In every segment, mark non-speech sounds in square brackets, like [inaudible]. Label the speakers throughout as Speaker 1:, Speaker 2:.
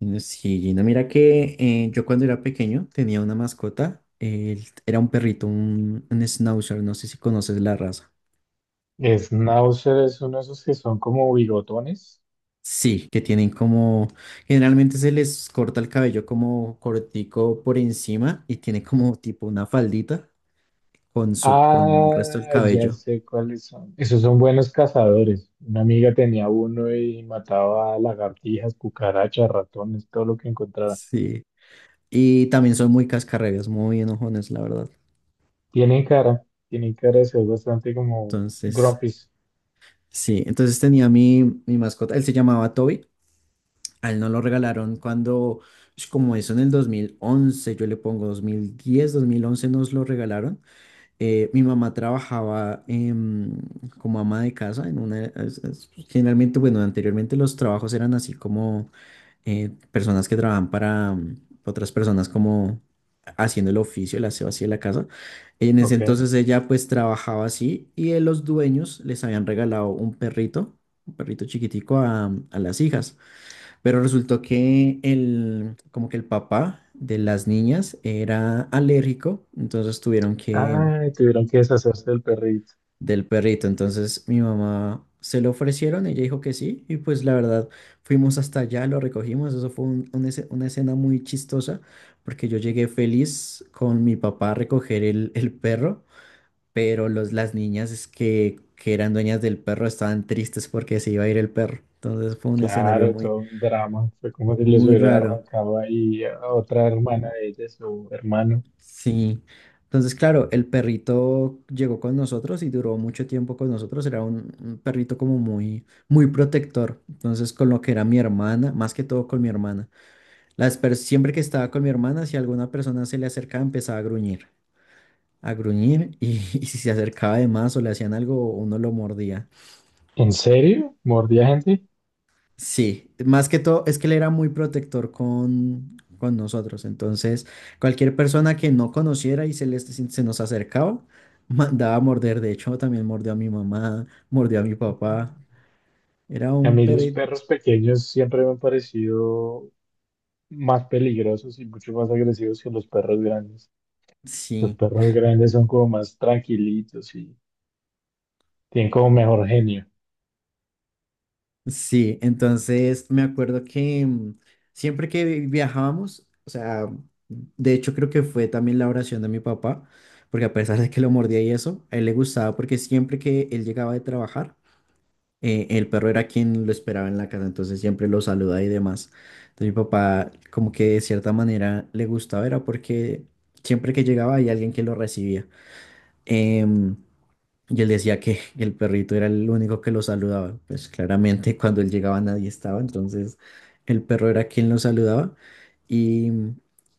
Speaker 1: No, sí, Gina, mira que yo cuando era pequeño tenía una mascota, él era un perrito, un schnauzer, no sé si conoces la raza.
Speaker 2: Schnauzer es uno de esos que son como bigotones.
Speaker 1: Sí, que tienen como, generalmente se les corta el cabello como cortico por encima y tiene como tipo una faldita con el resto del
Speaker 2: Ah, ya
Speaker 1: cabello.
Speaker 2: sé cuáles son. Esos son buenos cazadores. Una amiga tenía uno y mataba lagartijas, cucarachas, ratones, todo lo que encontrara.
Speaker 1: Sí. Y también son muy cascarrabias, muy enojones, la verdad.
Speaker 2: Tienen cara de ser bastante como
Speaker 1: Entonces,
Speaker 2: grumpies.
Speaker 1: sí, entonces tenía mi mascota, él se llamaba Toby. A él no lo regalaron cuando, es como eso en el 2011, yo le pongo dos 2010 2011 nos lo regalaron. Mi mamá trabajaba como ama de casa en una... generalmente, bueno, anteriormente los trabajos eran así como personas que trabajan para otras personas como haciendo el oficio, el aseo así de la casa. En ese
Speaker 2: Ok.
Speaker 1: entonces ella pues trabajaba así y los dueños les habían regalado un perrito chiquitico a las hijas. Pero resultó que el, como que el papá de las niñas era alérgico, entonces tuvieron que
Speaker 2: Ay, tuvieron que deshacerse del perrito.
Speaker 1: del perrito. Entonces mi mamá se lo ofrecieron, ella dijo que sí, y pues la verdad fuimos hasta allá, lo recogimos. Eso fue una escena muy chistosa, porque yo llegué feliz con mi papá a recoger el perro, pero los, las niñas que eran dueñas del perro estaban tristes porque se iba a ir el perro. Entonces fue un escenario
Speaker 2: Claro,
Speaker 1: muy,
Speaker 2: todo un drama. Fue como si les
Speaker 1: muy
Speaker 2: hubiera
Speaker 1: raro.
Speaker 2: arrancado ahí a otra hermana de ella, su hermano.
Speaker 1: Sí. Entonces, claro, el perrito llegó con nosotros y duró mucho tiempo con nosotros. Era un perrito como muy, muy protector. Entonces, con lo que era mi hermana, más que todo con mi hermana. Siempre que estaba con mi hermana, si alguna persona se le acercaba, empezaba a gruñir, a gruñir, y, [laughs] y si se acercaba de más o le hacían algo, uno lo mordía.
Speaker 2: ¿En serio? ¿Mordía gente?
Speaker 1: Sí, más que todo es que él era muy protector con nosotros. Entonces, cualquier persona que no conociera y se nos acercaba, [laughs] mandaba a morder. De hecho, también mordió a mi mamá, mordió a mi papá. Era
Speaker 2: A
Speaker 1: un
Speaker 2: mí los
Speaker 1: perro.
Speaker 2: perros pequeños siempre me han parecido más peligrosos y mucho más agresivos que los perros grandes. Los
Speaker 1: Sí,
Speaker 2: perros grandes son como más tranquilitos y tienen como mejor genio.
Speaker 1: sí. Entonces, me acuerdo que siempre que viajábamos, o sea, de hecho, creo que fue también la oración de mi papá, porque a pesar de que lo mordía y eso, a él le gustaba porque siempre que él llegaba de trabajar, el perro era quien lo esperaba en la casa, entonces siempre lo saluda y demás. Entonces mi papá como que de cierta manera le gustaba, era porque siempre que llegaba había alguien que lo recibía. Em, y él decía que [laughs] el perrito era el único que lo saludaba. Pues claramente cuando él llegaba nadie estaba, entonces el perro era quien lo saludaba. Y,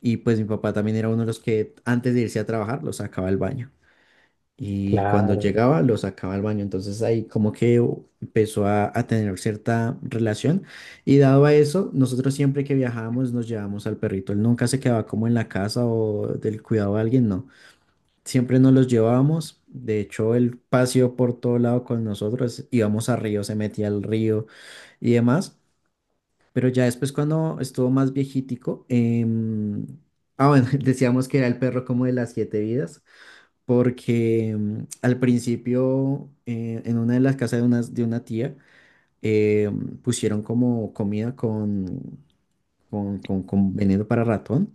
Speaker 1: y pues mi papá también era uno de los que antes de irse a trabajar lo sacaba al baño. Y cuando
Speaker 2: Claro.
Speaker 1: llegaba, lo sacaba al baño. Entonces ahí como que empezó a tener cierta relación. Y dado a eso, nosotros siempre que viajábamos nos llevábamos al perrito. Él nunca se quedaba como en la casa o del cuidado de alguien, no. Siempre nos los llevábamos. De hecho, él paseó por todo lado con nosotros. Íbamos a río, se metía al río y demás. Pero ya después, cuando estuvo más viejitico, ah, bueno, [laughs] decíamos que era el perro como de las siete vidas, porque al principio en una de las casas de de una tía eh, pusieron como comida con, con veneno para ratón.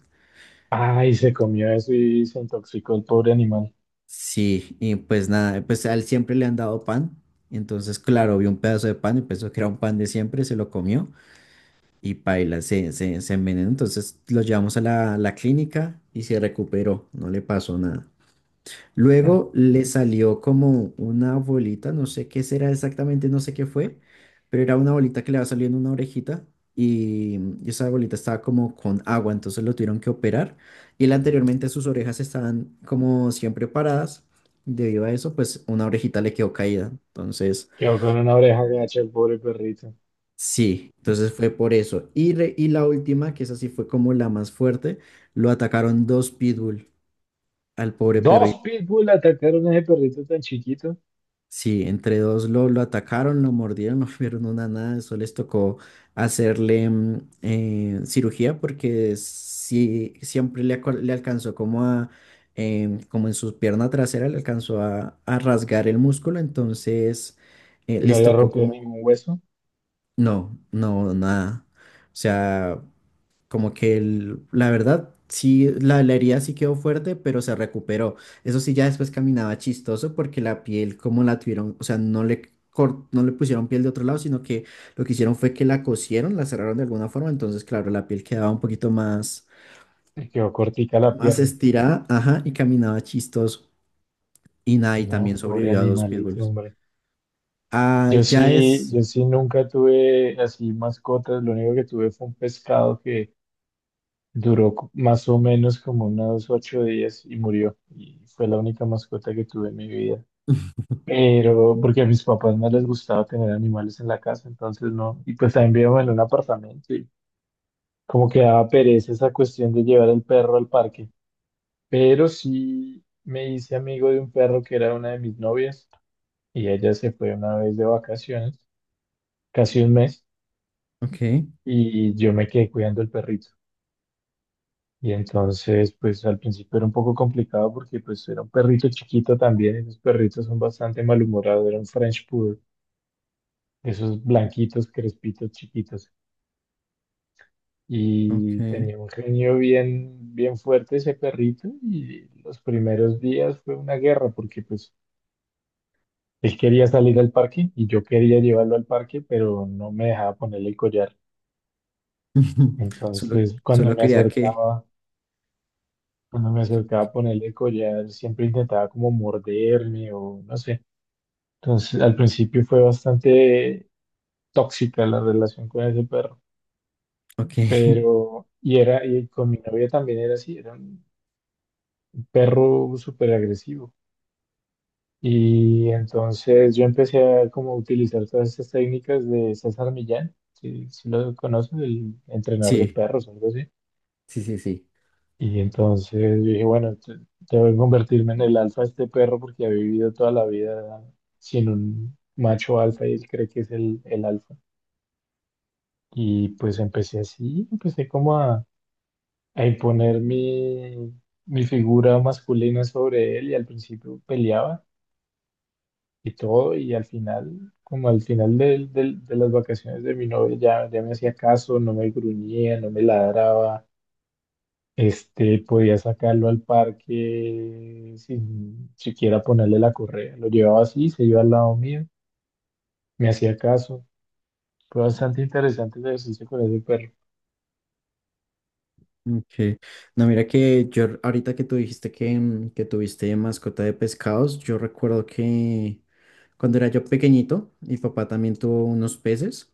Speaker 2: Ay,
Speaker 1: Y-
Speaker 2: se comió eso y se intoxicó el pobre animal.
Speaker 1: Sí, y pues nada, pues a él siempre le han dado pan. Entonces, claro, vio un pedazo de pan y pensó que era un pan de siempre, se lo comió y paila, se envenenó. Entonces lo llevamos a la clínica y se recuperó, no le pasó nada.
Speaker 2: Mm.
Speaker 1: Luego le salió como una bolita, no sé qué será exactamente, no sé qué fue, pero era una bolita que le va saliendo una orejita, y esa bolita estaba como con agua, entonces lo tuvieron que operar. Y él anteriormente sus orejas estaban como siempre paradas; debido a eso, pues una orejita le quedó caída. Entonces,
Speaker 2: Quedó con una oreja gacha el pobre perrito.
Speaker 1: sí, entonces fue por eso. Y la última, que esa sí fue como la más fuerte, lo atacaron dos pitbull al pobre
Speaker 2: Dos
Speaker 1: perrito.
Speaker 2: pitbull atacaron a ese perrito tan chiquito.
Speaker 1: Sí, entre dos lo atacaron, lo mordieron, [laughs] no vieron una nada, eso les tocó hacerle cirugía, porque sí, siempre le alcanzó como como en su pierna trasera, le alcanzó a rasgar el músculo, entonces
Speaker 2: No
Speaker 1: les
Speaker 2: le
Speaker 1: tocó
Speaker 2: rompió
Speaker 1: como,
Speaker 2: ningún hueso
Speaker 1: no, no, nada. O sea, como que la verdad, sí, la herida sí quedó fuerte, pero se recuperó. Eso sí, ya después caminaba chistoso porque la piel, como la tuvieron, o sea, no le pusieron piel de otro lado, sino que lo que hicieron fue que la cosieron, la cerraron de alguna forma. Entonces, claro, la piel quedaba un poquito más,
Speaker 2: y quedó cortica la
Speaker 1: más
Speaker 2: pierna.
Speaker 1: estirada, ajá, y caminaba chistoso. Y nada, y
Speaker 2: No,
Speaker 1: también
Speaker 2: pobre
Speaker 1: sobrevivió a dos
Speaker 2: animalito,
Speaker 1: pitbulls.
Speaker 2: hombre.
Speaker 1: Ah,
Speaker 2: Yo
Speaker 1: ya
Speaker 2: sí,
Speaker 1: es.
Speaker 2: yo sí nunca tuve así mascotas, lo único que tuve fue un pescado que más o menos como unos 8 días y murió. Y fue la única mascota que tuve en mi vida.
Speaker 1: [laughs]
Speaker 2: Pero porque a mis papás no les gustaba tener animales en la casa, entonces no. Y pues también vivíamos en un apartamento y como que daba pereza esa cuestión de llevar el perro al parque. Pero sí me hice amigo de un perro que era una de mis novias y ella se fue una vez de vacaciones, casi un mes.
Speaker 1: Ok,
Speaker 2: Y yo me quedé cuidando el perrito. Y entonces, pues al principio era un poco complicado porque pues era un perrito chiquito también, esos perritos son bastante malhumorados, era un French Poodle, esos blanquitos, crespitos, chiquitos. Y
Speaker 1: ok.
Speaker 2: tenía un genio bien, bien fuerte ese perrito y los primeros días fue una guerra porque pues él quería salir al parque y yo quería llevarlo al parque, pero no me dejaba ponerle el collar.
Speaker 1: [laughs] Solo,
Speaker 2: Entonces, cuando
Speaker 1: solo
Speaker 2: me
Speaker 1: quería que.
Speaker 2: acercaba Cuando me acercaba a ponerle collar, siempre intentaba como morderme o no sé. Entonces, al principio fue bastante tóxica la relación con ese perro,
Speaker 1: Ok, [laughs]
Speaker 2: pero, y con mi novia también era así, era un perro súper agresivo. Y entonces yo empecé a como utilizar todas estas técnicas de César Millán, si lo conoces, el entrenador de
Speaker 1: sí,
Speaker 2: perros, algo así.
Speaker 1: sí, sí, sí.
Speaker 2: Y entonces yo dije, bueno, debo convertirme en el alfa de este perro porque ha vivido toda la vida sin un macho alfa y él cree que es el alfa. Y pues empecé así, empecé como a imponer mi figura masculina sobre él y al principio peleaba y todo y al final, como al final de las vacaciones de mi novia ya, ya me hacía caso, no me gruñía, no me ladraba. Podía sacarlo al parque sin siquiera ponerle la correa. Lo llevaba así, se iba al lado mío, me hacía caso. Fue bastante interesante ese ejercicio con ese perro.
Speaker 1: Ok. No, mira que yo ahorita que tú dijiste que, que tuviste mascota de pescados, yo recuerdo que cuando era yo pequeñito, mi papá también tuvo unos peces,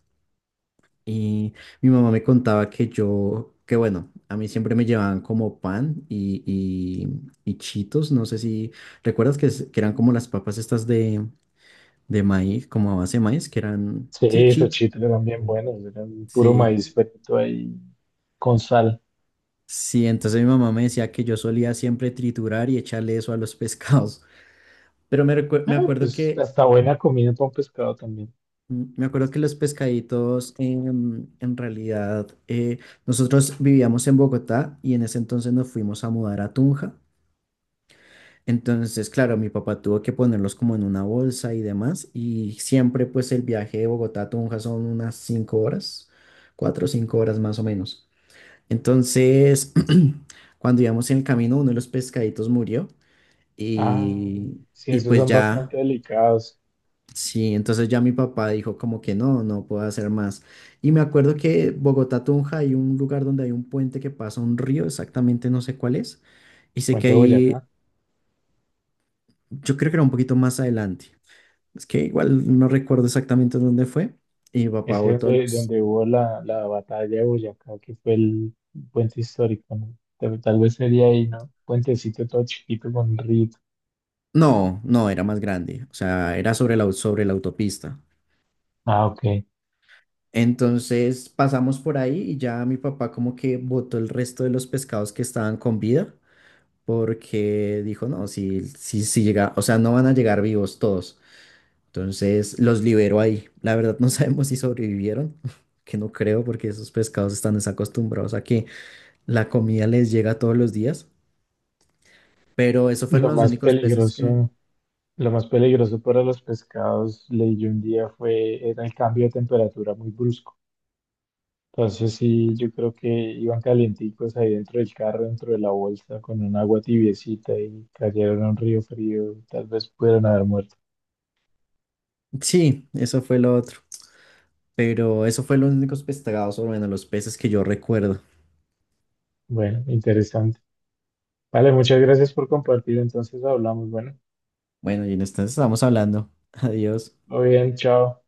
Speaker 1: y mi mamá me contaba que yo, que bueno, a mí siempre me llevaban como pan y chitos, no sé si recuerdas, que, que eran como las papas estas de maíz, como a base de maíz, que eran,
Speaker 2: Sí,
Speaker 1: sí,
Speaker 2: esos chitos eran bien buenos, eran puro
Speaker 1: sí,
Speaker 2: maíz frito ahí con sal.
Speaker 1: sí, entonces mi mamá me decía que yo solía siempre triturar y echarle eso a los [laughs] pescados. Pero me, recue-
Speaker 2: Eh,
Speaker 1: me acuerdo
Speaker 2: pues
Speaker 1: que
Speaker 2: hasta buena comida con pescado también.
Speaker 1: me acuerdo que los pescaditos en realidad nosotros vivíamos en Bogotá, y en ese entonces nos fuimos a mudar a Tunja. Entonces, claro, mi papá tuvo que ponerlos como en una bolsa y demás. Y siempre, pues, el viaje de Bogotá a Tunja son unas 5 horas, 4 o 5 horas más o menos. Entonces, [clears throat] cuando íbamos en el camino, uno de los pescaditos murió
Speaker 2: Ah,
Speaker 1: y,
Speaker 2: sí,
Speaker 1: y
Speaker 2: esos
Speaker 1: pues
Speaker 2: son
Speaker 1: ya.
Speaker 2: bastante delicados.
Speaker 1: Sí, entonces ya mi papá dijo como que no, no puedo hacer más. Y me acuerdo que Bogotá Tunja hay un lugar donde hay un puente que pasa un río, exactamente no sé cuál es, y sé que
Speaker 2: Puente
Speaker 1: ahí,
Speaker 2: Boyacá.
Speaker 1: yo creo que era un poquito más adelante. Es que igual no recuerdo exactamente dónde fue. Y mi papá
Speaker 2: Es
Speaker 1: botó
Speaker 2: donde,
Speaker 1: los...
Speaker 2: donde hubo la batalla de Boyacá, que fue el puente histórico, ¿no? Tal vez sería ahí, ¿no? Puentecito todo chiquito con un río.
Speaker 1: No, no, era más grande, o sea, era sobre sobre la autopista.
Speaker 2: Ah, ok.
Speaker 1: Entonces pasamos por ahí y ya mi papá como que botó el resto de los pescados que estaban con vida porque dijo, no, si llega, o sea, no van a llegar vivos todos. Entonces los liberó ahí. La verdad [laughs] no sabemos si sobrevivieron, [laughs] que no creo porque esos pescados están desacostumbrados a que la comida les llega todos los días. Pero eso fueron
Speaker 2: Lo
Speaker 1: los
Speaker 2: más
Speaker 1: únicos peces que...
Speaker 2: peligroso, lo más peligroso para los pescados, leí yo un día, era el cambio de temperatura muy brusco. Entonces sí, yo creo que iban calienticos ahí dentro del carro, dentro de la bolsa, con un agua tibiecita y cayeron a un río frío, tal vez pudieron haber muerto.
Speaker 1: Sí, eso fue lo otro. Pero eso fue los únicos pescados, o bueno, los peces que yo recuerdo.
Speaker 2: Bueno, interesante. Vale, muchas gracias por compartir. Entonces hablamos. Bueno,
Speaker 1: Bueno, y en este estamos hablando. [laughs] Adiós.
Speaker 2: muy bien, chao.